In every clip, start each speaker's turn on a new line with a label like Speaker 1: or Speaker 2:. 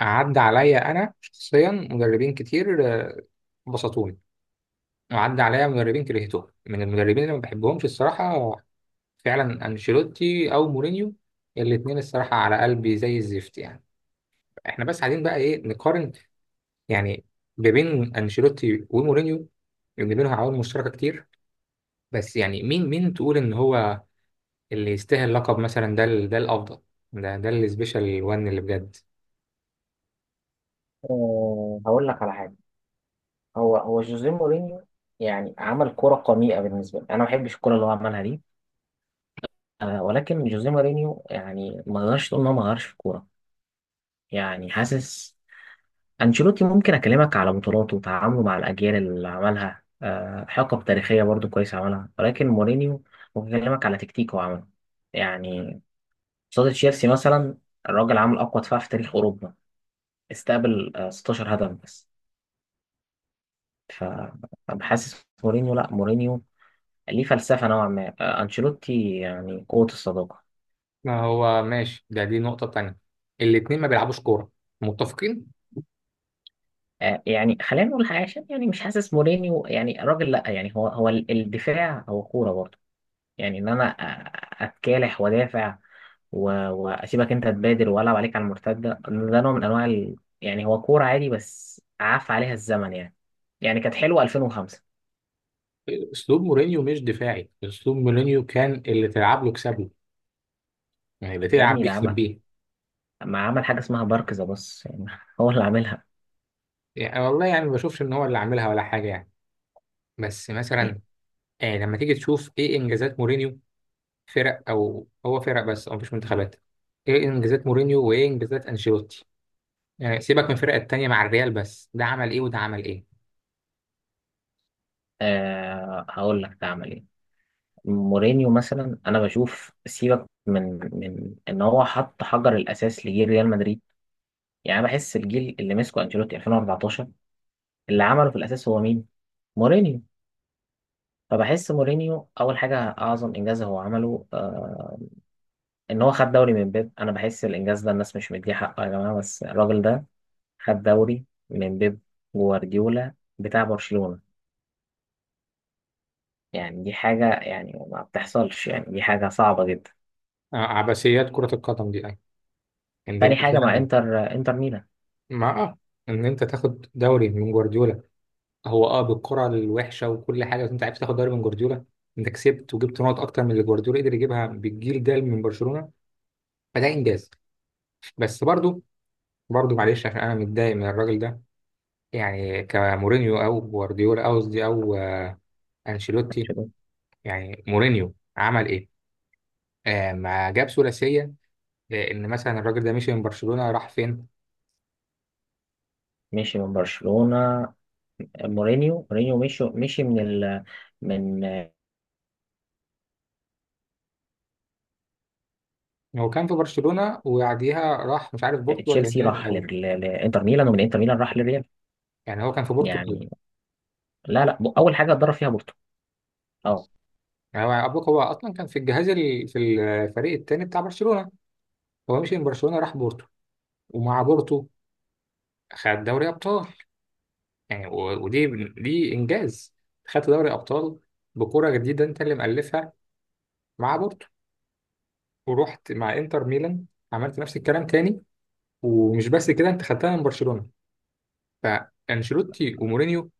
Speaker 1: عدى عليا انا شخصيا مدربين كتير، بسطوني. وعدى عليا مدربين كرهتهم، من المدربين اللي ما بحبهمش الصراحه، فعلا انشيلوتي او مورينيو. الاثنين الصراحه على قلبي زي الزفت، يعني احنا بس قاعدين بقى ايه نقارن، يعني ما بين انشيلوتي ومورينيو اللي بينهم عوامل مشتركه كتير. بس يعني مين تقول ان هو اللي يستاهل لقب، مثلا ده ده الافضل، ده السبيشال وان اللي بجد.
Speaker 2: هقول لك على حاجه. هو جوزيه مورينيو يعني عمل كرة قميئة بالنسبة لي، أنا ما بحبش الكرة اللي هو عملها دي. ولكن جوزيه مورينيو يعني ما نقدرش تقول إن هو ما غيرش في الكورة. يعني حاسس أنشيلوتي ممكن أكلمك على بطولاته وتعامله مع الأجيال اللي عملها، حقب تاريخية برضو كويس عملها، ولكن مورينيو ممكن أكلمك على تكتيك هو عمله. يعني قصاد تشيلسي مثلا الراجل عمل أقوى دفاع في تاريخ أوروبا، استقبل 16 هدف بس. فبحاسس مورينيو، لا مورينيو ليه فلسفة نوعا ما. أنشيلوتي يعني قوة الصداقة.
Speaker 1: ما هو ماشي، ده دي نقطة تانية، الاتنين ما بيلعبوش كورة، متفقين.
Speaker 2: يعني خلينا نقول حاجة، عشان يعني مش حاسس مورينيو يعني راجل، لأ يعني الدفاع هو كورة برضه. يعني إن أنا أتكالح وأدافع وأسيبك أنت تبادر وألعب عليك على المرتدة، ده نوع من أنواع يعني هو كورة عادي بس عاف عليها الزمن يعني. يعني كانت حلوة 2005.
Speaker 1: اسلوب مورينيو مش دفاعي، اسلوب مورينيو كان اللي تلعب له كسب له، يعني اللي
Speaker 2: يا
Speaker 1: تلعب
Speaker 2: ابني
Speaker 1: بيه
Speaker 2: ده
Speaker 1: كسب
Speaker 2: عمل،
Speaker 1: بيه.
Speaker 2: ما عمل حاجة اسمها بارك ذا بص يعني هو اللي عاملها.
Speaker 1: يعني والله يعني ما بشوفش ان هو اللي عاملها ولا حاجة يعني. بس
Speaker 2: إيه؟
Speaker 1: مثلا، آه، لما تيجي تشوف ايه انجازات مورينيو، فرق او هو فرق بس او مفيش منتخبات. ايه انجازات مورينيو وايه انجازات انشيلوتي؟ يعني سيبك من الفرق التانية، مع الريال بس ده عمل ايه وده عمل ايه.
Speaker 2: أه، هقول لك ده عمل إيه. مورينيو مثلا، انا بشوف سيبك من ان هو حط حجر الاساس لجيل ريال مدريد. يعني أنا بحس الجيل اللي مسكه انشيلوتي 2014، اللي عمله في الاساس هو مين؟ مورينيو. فبحس مورينيو اول حاجه اعظم انجاز هو عمله، آه ان هو خد دوري من بيب. انا بحس الانجاز ده الناس مش مديه حقه يا جماعه، بس الراجل ده خد دوري من بيب، جوارديولا بتاع برشلونه. يعني دي حاجه يعني ما بتحصلش، يعني دي حاجه صعبه جدا.
Speaker 1: آه، عبثيات كرة القدم دي، يعني ان
Speaker 2: تاني
Speaker 1: انت
Speaker 2: حاجه مع
Speaker 1: فاهم.
Speaker 2: انتر، انتر ميلان.
Speaker 1: مع اه، ان انت تاخد دوري من جوارديولا، هو اه بالقرعه الوحشه وكل حاجه، بس انت عرفت تاخد دوري من جوارديولا. انت كسبت وجبت نقط اكتر من اللي جوارديولا قدر يجيبها بالجيل ده من برشلونه، فده انجاز. بس برضو، معلش عشان انا متضايق من الراجل ده. يعني كمورينيو او جوارديولا او قصدي او انشيلوتي، يعني مورينيو عمل ايه؟ آه ما جاب ثلاثيه. لان مثلا الراجل ده مشي من برشلونه راح فين؟
Speaker 2: مشي من برشلونة. مورينيو مشي من
Speaker 1: هو كان في برشلونه وبعديها راح مش عارف بورتو ولا
Speaker 2: تشيلسي،
Speaker 1: ميلان الاول.
Speaker 2: لانتر ميلان، ومن انتر ميلان راح للريال.
Speaker 1: يعني هو كان في بورتو،
Speaker 2: يعني لا لا، اول حاجة اتدرب فيها بورتو. اه.
Speaker 1: يعني ابوك هو اصلا كان في الجهاز في الفريق التاني بتاع برشلونه. هو مشي من برشلونه راح بورتو، ومع بورتو خد دوري ابطال. يعني ودي دي انجاز، خدت دوري ابطال بكره جديده انت اللي مألفها، مع بورتو. ورحت مع انتر ميلان، عملت نفس الكلام تاني، ومش بس كده انت خدتها من برشلونه. فانشيلوتي ومورينيو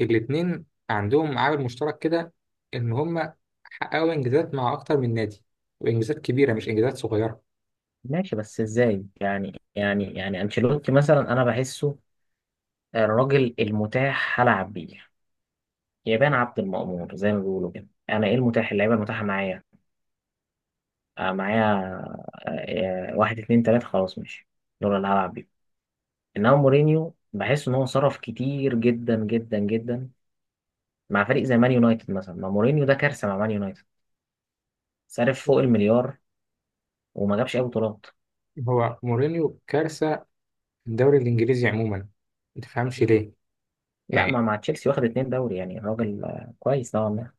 Speaker 1: الاثنين عندهم عامل مشترك كده، ان هم حققوا انجازات مع اكتر من نادي، وانجازات كبيره مش انجازات صغيره.
Speaker 2: ماشي بس ازاي؟ يعني انشيلوتي مثلا انا بحسه الراجل المتاح هلعب بيه، يبان عبد المأمور زي ما بيقولوا كده. انا ايه المتاح؟ اللعيبة المتاحة معايا، معايا، واحد اتنين تلاتة، خلاص ماشي، دول اللي هلعب بيهم. انما مورينيو بحس ان هو صرف كتير جدا جدا جدا مع فريق زي مان يونايتد مثلا. ما مورينيو ده كارثه مع مان يونايتد، صرف فوق المليار وما جابش اي بطولات.
Speaker 1: هو مورينيو كارثة في الدوري الإنجليزي عموما، ما تفهمش ليه.
Speaker 2: لا، ما
Speaker 1: يعني
Speaker 2: مع تشيلسي واخد اتنين دوري، يعني الراجل كويس نوعا ما.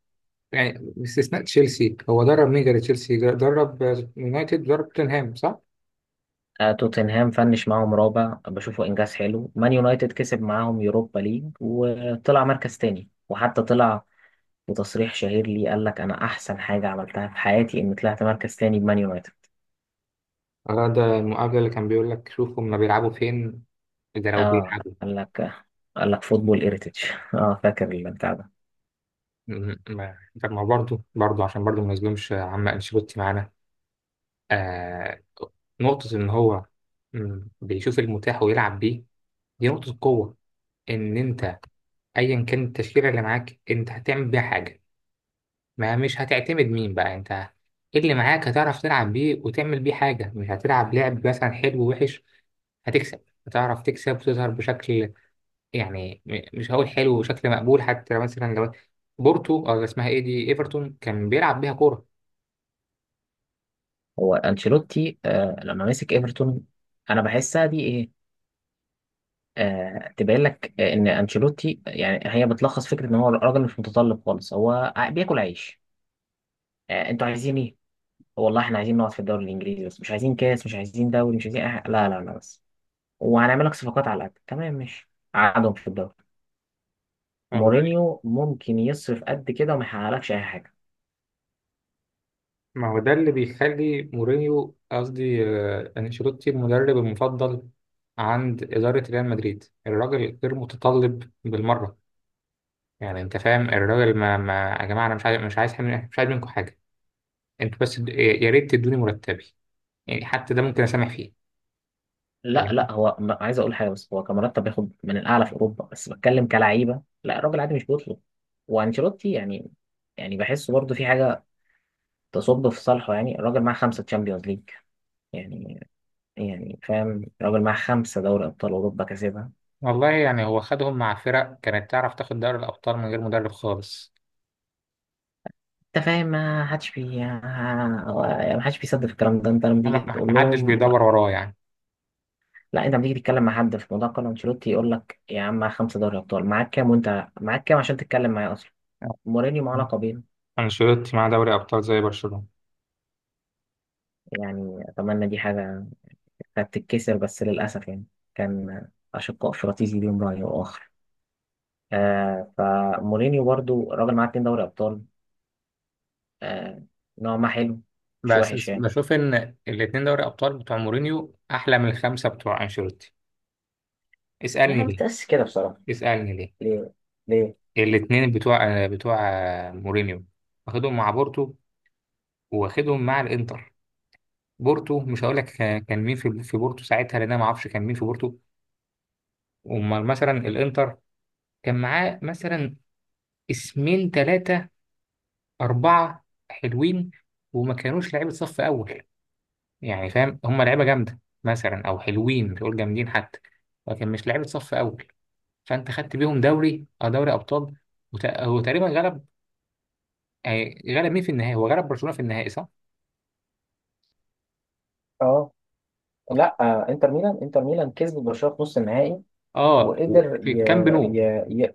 Speaker 1: باستثناء تشيلسي، هو درب مين غير تشيلسي؟ درب يونايتد، درب توتنهام، صح؟
Speaker 2: توتنهام فنش معاهم رابع بشوفه انجاز حلو. مان يونايتد كسب معاهم يوروبا ليج وطلع مركز تاني، وحتى طلع بتصريح شهير ليه قال لك انا احسن حاجه عملتها في حياتي اني طلعت مركز تاني بمان يونايتد.
Speaker 1: آه، ده المقابلة اللي كان بيقول لك شوفوا هما بيلعبوا فين ده لو
Speaker 2: اه،
Speaker 1: بيلعبوا.
Speaker 2: قال لك، قال لك فوتبول هيريتج اه فاكر البتاع ده.
Speaker 1: طب ما برضه، عشان برضه ما نظلمش عم أنشيلوتي معانا، آه، نقطة إن هو بيشوف المتاح ويلعب بيه، دي نقطة قوة. إن أنت أيا كانت التشكيلة اللي معاك أنت هتعمل بيها حاجة، ما مش هتعتمد مين بقى انت، ايه اللي معاك هتعرف تلعب بيه وتعمل بيه حاجة. مش هتلعب لعب مثلا حلو ووحش، هتكسب، هتعرف تكسب وتظهر بشكل، يعني مش هقول حلو وشكل مقبول، حتى مثلا لو بورتو او اسمها ايه دي ايفرتون كان بيلعب بيها كورة.
Speaker 2: هو انشيلوتي لما مسك ايفرتون، انا بحسها دي ايه، تبين لك ان انشيلوتي يعني هي بتلخص فكره ان هو راجل مش متطلب خالص. هو بياكل عيش. انتوا عايزين ايه؟ والله احنا عايزين نقعد في الدوري الانجليزي بس، مش عايزين كاس، مش عايزين دوري، مش عايزين لا لا لا بس، وهنعمل لك صفقات على قد تمام، ماشي قعدهم في الدوري.
Speaker 1: والله.
Speaker 2: مورينيو ممكن يصرف قد كده وما يحققلكش اي حاجه.
Speaker 1: ما هو ده اللي بيخلي مورينيو قصدي، آه، انشيلوتي المدرب المفضل عند إدارة ريال مدريد. الراجل غير متطلب بالمرة. يعني انت فاهم، الراجل ما يا جماعة انا مش عايز، مش عايز منكم حاجة، انتوا بس يا ريت تدوني مرتبي، يعني حتى ده ممكن اسامح فيه.
Speaker 2: لا
Speaker 1: فاهم؟
Speaker 2: لا هو عايز اقول حاجه بس، هو كمرتب بياخد من الاعلى في اوروبا، بس بتكلم كلعيبه لا، الراجل عادي مش بيطلب. وانشيلوتي يعني، يعني بحسه برضه في حاجه تصب في صالحه، يعني الراجل معاه خمسه تشامبيونز ليج. يعني يعني فاهم، الراجل معاه خمسه دوري ابطال اوروبا كسبها.
Speaker 1: والله يعني هو خدهم مع فرق كانت تعرف تاخد دوري الابطال من غير مدرب خالص.
Speaker 2: انت فاهم، ما حدش بيصدق في الكلام ده. انت لما تيجي تقول
Speaker 1: ما حدش
Speaker 2: لهم،
Speaker 1: بيدور وراه يعني.
Speaker 2: لا انت لما تيجي تتكلم مع حد في موضوع كارلو انشيلوتي يقول لك يا عم معاك خمسه دوري ابطال، معاك كام وانت معاك كام عشان تتكلم معايا اصلا؟ مورينيو معاه لقبين.
Speaker 1: انشيلوتي مع دوري ابطال زي برشلونة.
Speaker 2: يعني أتمنى دي حاجة هتتكسر بس للأسف يعني، كان أشقاء فراتيزي ليهم رأي وآخر. آه فمورينيو برضو راجل معاه اتنين دوري أبطال، آه نوع ما حلو، مش
Speaker 1: بس
Speaker 2: وحش يعني.
Speaker 1: بشوف ان الاتنين دوري ابطال بتوع مورينيو احلى من الخمسه بتوع انشيلوتي.
Speaker 2: يعني
Speaker 1: اسالني
Speaker 2: أنا
Speaker 1: ليه.
Speaker 2: متأسف كده بصراحة.
Speaker 1: اسالني ليه.
Speaker 2: ليه؟ ليه؟
Speaker 1: الاتنين بتوع مورينيو واخدهم مع بورتو، واخدهم مع الانتر. بورتو مش هقول لك كان مين في بورتو ساعتها، لان انا ما اعرفش كان مين في بورتو. امال مثلا الانتر كان معاه مثلا اسمين ثلاثة أربعة حلوين، وما كانوش لعيبة صف أول. يعني فاهم، هم لعيبة جامدة مثلا أو حلوين، مش هقول جامدين حتى، لكن مش لعيبة صف أول. فأنت خدت بيهم دوري أو دوري أبطال، هو تقريبا غلب، آه، غلب مين في النهائي؟ هو غلب برشلونة في النهائي، صح؟
Speaker 2: اه. لا، آه انتر ميلان، انتر ميلان كسب برشلونة في نص النهائي
Speaker 1: اه
Speaker 2: وقدر
Speaker 1: في الكامب نو.
Speaker 2: ي... ي...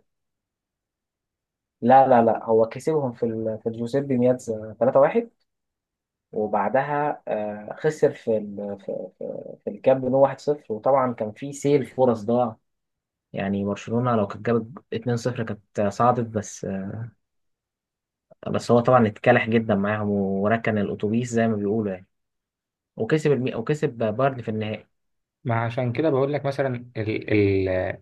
Speaker 2: لا لا لا، هو كسبهم في الجوزيبي مياتزا 3-1، وبعدها خسر في الكامب نو 1-0. وطبعا كان في سيل فرص ضاع، يعني برشلونة لو كانت جابت 2-0 كانت صعدت. بس بس هو طبعا اتكلح جدا معاهم وركن الأتوبيس زي ما بيقولوا يعني، وكسب بايرن في النهائي.
Speaker 1: ما عشان كده بقول لك مثلا ال ال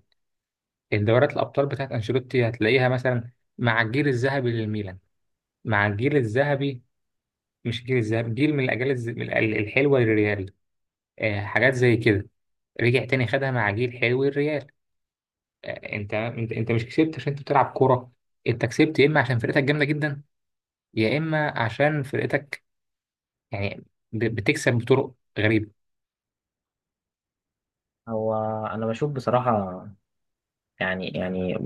Speaker 1: الدورات الأبطال بتاعت أنشيلوتي هتلاقيها مثلا مع الجيل الذهبي للميلان، مع الجيل الذهبي، مش الجيل الذهبي، جيل من الاجيال من الحلوه للريال، آه حاجات زي كده. رجع تاني خدها مع جيل حلو الريال. آه، انت مش كسبت عشان انت بتلعب كوره، انت كسبت يا اما عشان فرقتك جامده جدا، يا اما عشان فرقتك، يعني بتكسب بطرق غريبه.
Speaker 2: هو أنا بشوف بصراحة يعني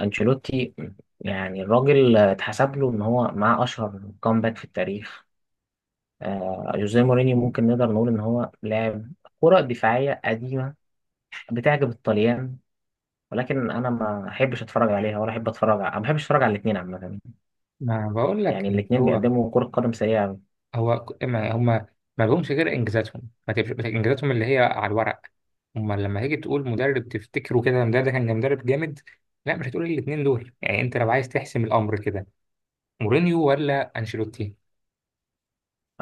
Speaker 2: أنشيلوتي، يعني الراجل اتحسب له إن هو معاه أشهر كومباك في التاريخ. جوزيه مورينيو ممكن نقدر نقول إن هو لاعب كرة دفاعية قديمة بتعجب الطليان، ولكن انا ما احبش اتفرج عليها، ولا احب اتفرج ما بحبش اتفرج على الاثنين عامه.
Speaker 1: ما بقول
Speaker 2: يعني
Speaker 1: لك يعني
Speaker 2: الاثنين
Speaker 1: هو،
Speaker 2: بيقدموا كره قدم سيئه أوي.
Speaker 1: ما هم ما لهمش غير انجازاتهم، ما تبقاش انجازاتهم اللي هي على الورق. هم لما تيجي تقول مدرب تفتكره كده، ده ده كان مدرب جامد، لا مش هتقول الاثنين دول. يعني انت لو عايز تحسم الامر كده، مورينيو ولا انشيلوتي؟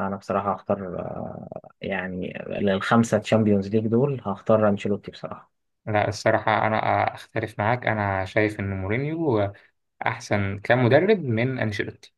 Speaker 2: انا بصراحه هختار، يعني الخمسه تشامبيونز ليج دول هختار انشيلوتي بصراحه
Speaker 1: لا الصراحة أنا أختلف معاك، أنا شايف إن مورينيو أحسن كمدرب من أنشيلوتي.